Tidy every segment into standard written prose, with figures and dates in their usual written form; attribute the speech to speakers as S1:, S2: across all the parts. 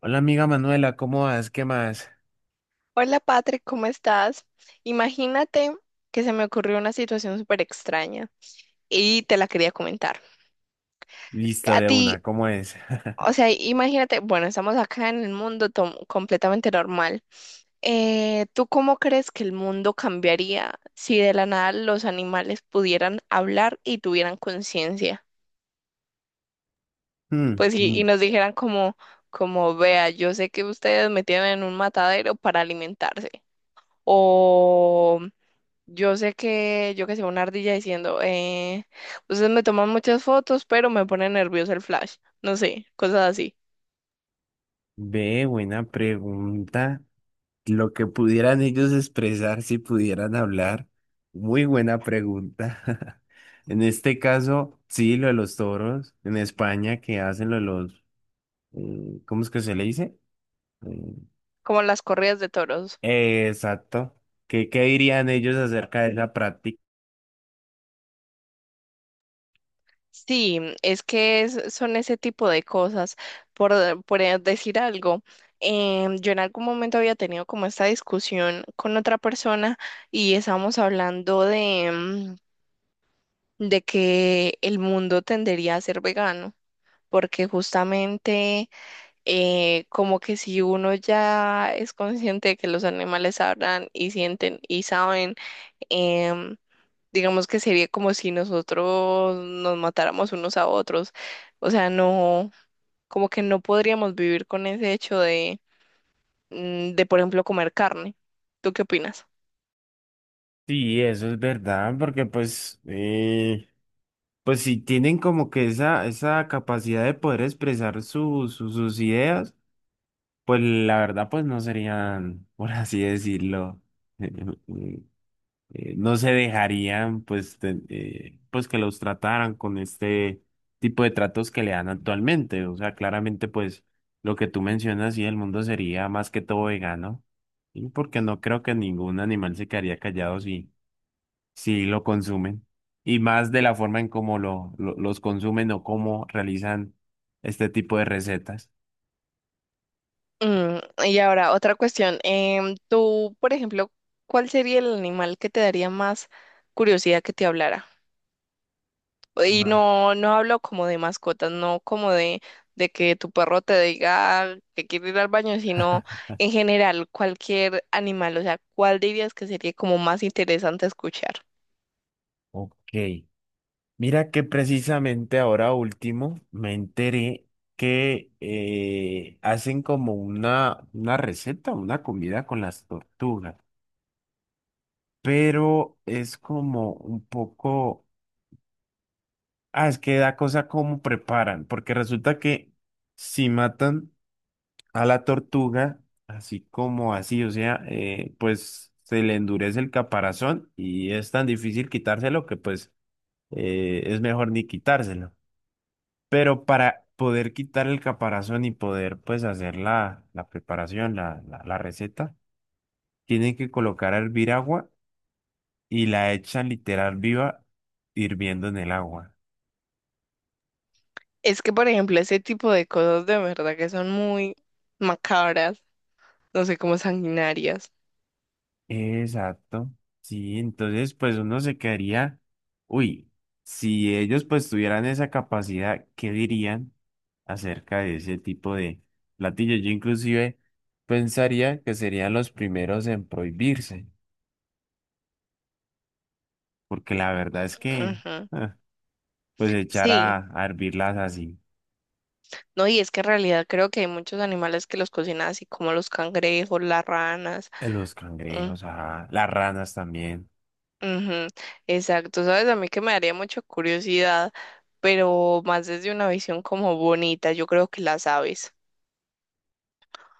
S1: Hola amiga Manuela, ¿cómo vas? ¿Qué más?
S2: Hola Patrick, ¿cómo estás? Imagínate que se me ocurrió una situación súper extraña y te la quería comentar.
S1: Listo,
S2: A
S1: de
S2: ti,
S1: una, ¿cómo es?
S2: o sea, imagínate, bueno, estamos acá en el mundo completamente normal. ¿Tú cómo crees que el mundo cambiaría si de la nada los animales pudieran hablar y tuvieran conciencia?
S1: Hmm,
S2: Pues y
S1: mm,
S2: nos dijeran como, como, vea, yo sé que ustedes me tienen en un matadero para alimentarse. O yo sé que, yo que sé, una ardilla diciendo, ustedes me toman muchas fotos, pero me pone nervioso el flash. No sé, cosas así,
S1: ve, buena pregunta. Lo que pudieran ellos expresar si pudieran hablar. Muy buena pregunta. En este caso, sí, lo de los toros en España que hacen lo de los, ¿cómo es que se le dice?
S2: como las corridas de toros.
S1: Exacto. ¿Qué dirían ellos acerca de esa práctica?
S2: Sí, es que son ese tipo de cosas. Por, por decir algo, yo en algún momento había tenido como esta discusión con otra persona y estábamos hablando de, de que el mundo tendería a ser vegano, porque justamente como que si uno ya es consciente de que los animales hablan y sienten y saben, em, digamos que sería como si nosotros nos matáramos unos a otros. O sea, no, como que no podríamos vivir con ese hecho de, de, por ejemplo, comer carne. ¿Tú qué opinas?
S1: Sí, eso es verdad, porque pues pues si tienen como que esa capacidad de poder expresar sus ideas, pues la verdad pues no serían, por así decirlo, eh, no se dejarían pues, pues que los trataran con este tipo de tratos que le dan actualmente. O sea, claramente pues lo que tú mencionas, sí, el mundo sería más que todo vegano, ¿sí? Porque no creo que ningún animal se quedaría callado si... Sí, lo consumen. Y más de la forma en cómo los consumen o cómo realizan este tipo de recetas.
S2: Mm, y ahora, otra cuestión. Tú, por ejemplo, ¿cuál sería el animal que te daría más curiosidad que te hablara? Y
S1: Vale.
S2: no, no hablo como de mascotas, no como de que tu perro te diga que quiere ir al baño, sino en general cualquier animal, o sea, ¿cuál dirías que sería como más interesante escuchar?
S1: Ok. Mira que precisamente ahora último me enteré que hacen como una receta, una comida con las tortugas, pero es como un poco, ah, es que da cosa cómo preparan, porque resulta que si matan a la tortuga, así como así, o sea, pues se le endurece el caparazón y es tan difícil quitárselo que pues es mejor ni quitárselo. Pero para poder quitar el caparazón y poder pues hacer la preparación, la receta, tienen que colocar a hervir agua y la echan literal viva hirviendo en el agua.
S2: Es que, por ejemplo, ese tipo de cosas de verdad que son muy macabras, no sé, como sanguinarias.
S1: Exacto. Sí, entonces pues uno se quedaría, uy, si ellos pues tuvieran esa capacidad, ¿qué dirían acerca de ese tipo de platillos? Yo inclusive pensaría que serían los primeros en prohibirse, porque la verdad es que
S2: Ujú.
S1: ah, pues echar
S2: Sí,
S1: a hervirlas así,
S2: no, y es que en realidad creo que hay muchos animales que los cocinan así como los cangrejos, las ranas.
S1: los cangrejos, ajá, las ranas también.
S2: Ujú, exacto, sabes, a mí que me daría mucha curiosidad, pero más desde una visión como bonita, yo creo que las aves,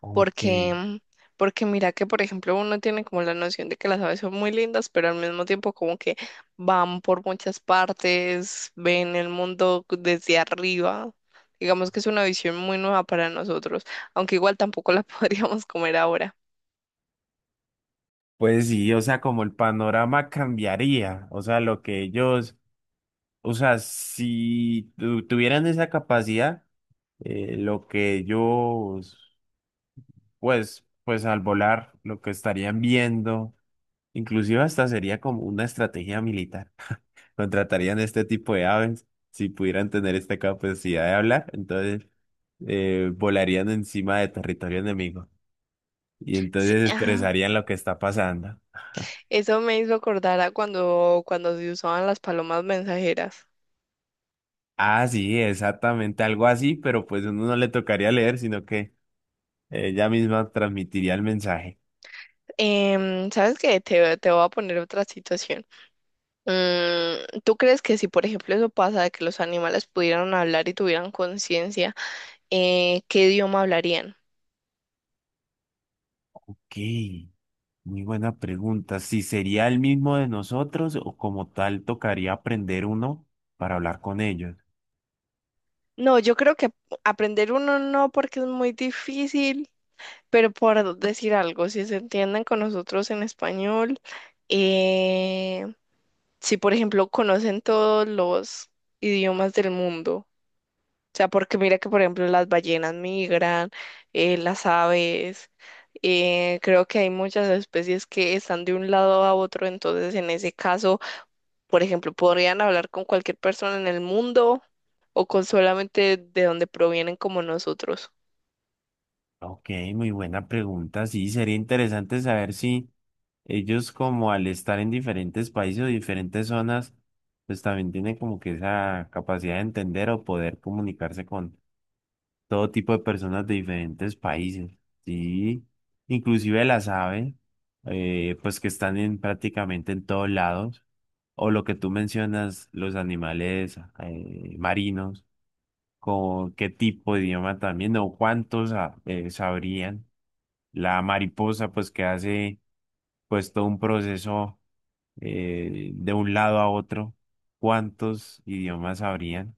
S1: Ok.
S2: porque, mm, porque mira que, por ejemplo, uno tiene como la noción de que las aves son muy lindas, pero al mismo tiempo como que van por muchas partes, ven el mundo desde arriba, digamos que es una visión muy nueva para nosotros, aunque igual tampoco la podríamos comer ahora.
S1: Pues sí, o sea, como el panorama cambiaría, o sea, lo que ellos... O sea, si tuvieran esa capacidad, lo que ellos, pues al volar, lo que estarían viendo, inclusive hasta sería como una estrategia militar. Contratarían este tipo de aves si pudieran tener esta capacidad de hablar, entonces volarían encima de territorio enemigo y
S2: Sí,
S1: entonces
S2: ah,
S1: expresarían lo que está pasando.
S2: eso me hizo acordar a cuando, cuando se usaban las palomas mensajeras.
S1: Ah, sí, exactamente algo así, pero pues uno no le tocaría leer, sino que ella misma transmitiría el mensaje.
S2: ¿Sabes qué? Te voy a poner otra situación. Mm, ¿tú crees que si, por ejemplo, eso pasa de que los animales pudieran hablar y tuvieran conciencia, qué idioma hablarían?
S1: Ok, muy buena pregunta. ¿Si sería el mismo de nosotros o como tal tocaría aprender uno para hablar con ellos?
S2: No, yo creo que aprender uno no porque es muy difícil, pero por decir algo, si se entienden con nosotros en español, eh, si, por ejemplo, conocen todos los idiomas del mundo. O sea, porque mira que, por ejemplo, las ballenas migran, las aves, creo que hay muchas especies que están de un lado a otro, entonces en ese caso, por ejemplo, podrían hablar con cualquier persona en el mundo o con solamente de donde provienen como nosotros.
S1: Ok, muy buena pregunta. Sí, sería interesante saber si ellos como al estar en diferentes países o diferentes zonas, pues también tienen como que esa capacidad de entender o poder comunicarse con todo tipo de personas de diferentes países, ¿sí? Inclusive las aves, pues que están en, prácticamente en todos lados, o lo que tú mencionas, los animales marinos, con qué tipo de idioma también, o cuántos sabrían. La mariposa, pues que hace pues todo un proceso de un lado a otro, ¿cuántos idiomas sabrían?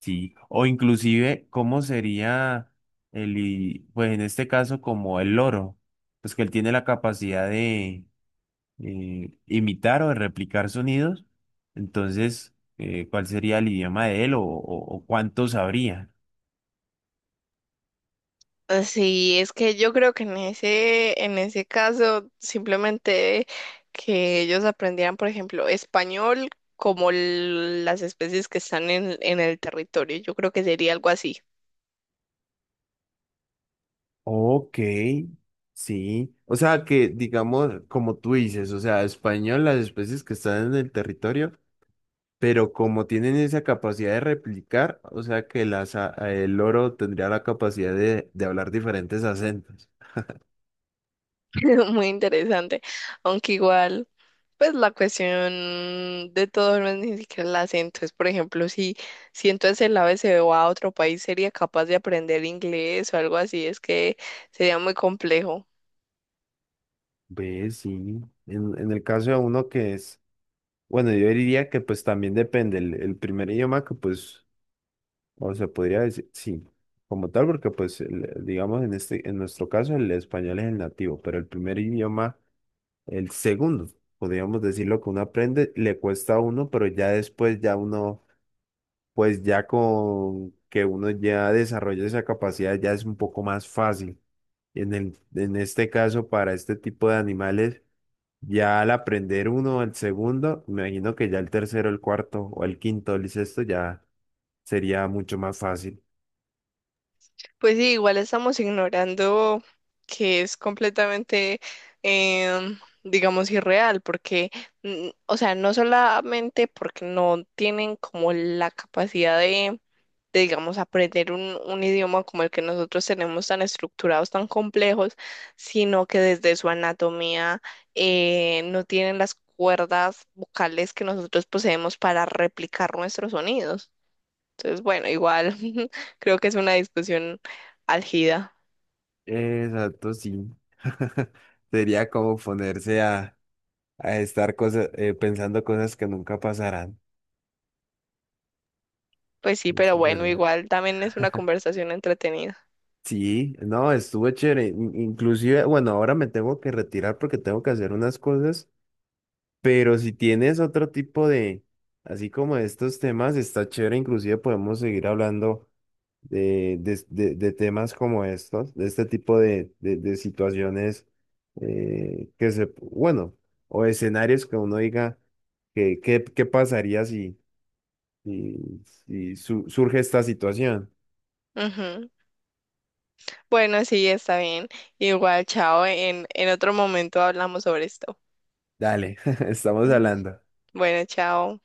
S1: Sí, o inclusive, ¿cómo sería pues en este caso, como el loro? Pues que él tiene la capacidad de imitar o de replicar sonidos. Entonces, ¿cuál sería el idioma de él o cuánto sabría?
S2: Sí, es que yo creo que en ese caso, simplemente que ellos aprendieran, por ejemplo, español como las especies que están en el territorio, yo creo que sería algo así.
S1: Ok, sí. O sea que, digamos, como tú dices, o sea, español, las especies que están en el territorio, pero como tienen esa capacidad de replicar, o sea que el loro tendría la capacidad de hablar diferentes acentos.
S2: Muy interesante, aunque igual, pues la cuestión de todo no es ni siquiera el acento, es por ejemplo, si, si entonces el ave se va a otro país, sería capaz de aprender inglés o algo así, es que sería muy complejo.
S1: Ve, sí. En el caso de uno que es, bueno, yo diría que pues también depende el primer idioma que pues, o se podría decir, sí, como tal, porque pues, digamos, en este, en nuestro caso el español es el nativo, pero el primer idioma, el segundo, podríamos decirlo que uno aprende, le cuesta a uno, pero ya después ya uno pues ya con que uno ya desarrolla esa capacidad ya es un poco más fácil. En este caso, para este tipo de animales, ya al aprender uno, el segundo, me imagino que ya el tercero, el cuarto o el quinto, el sexto ya sería mucho más fácil.
S2: Pues sí, igual estamos ignorando que es completamente, em, digamos, irreal, porque, mm, o sea, no solamente porque no tienen como la capacidad de, digamos, aprender un idioma como el que nosotros tenemos tan estructurados, tan complejos, sino que desde su anatomía no tienen las cuerdas vocales que nosotros poseemos para replicar nuestros sonidos. Entonces, bueno, igual creo que es una discusión álgida.
S1: Exacto, sí. Sería como ponerse a estar cosas, pensando cosas que nunca pasarán.
S2: Pues sí, pero
S1: Eso es
S2: bueno,
S1: verdad.
S2: igual también es una conversación entretenida.
S1: Sí, no, estuvo chévere. Inclusive, bueno, ahora me tengo que retirar porque tengo que hacer unas cosas, pero si tienes otro tipo de, así como de estos temas, está chévere. Inclusive podemos seguir hablando de temas como estos, de este tipo de situaciones que se, bueno, o escenarios que uno diga que, qué pasaría si, si surge esta situación.
S2: Ujú. Bueno, sí, está bien. Igual, chao. En otro momento hablamos sobre esto.
S1: Dale, estamos
S2: Ujú.
S1: hablando.
S2: Bueno, chao.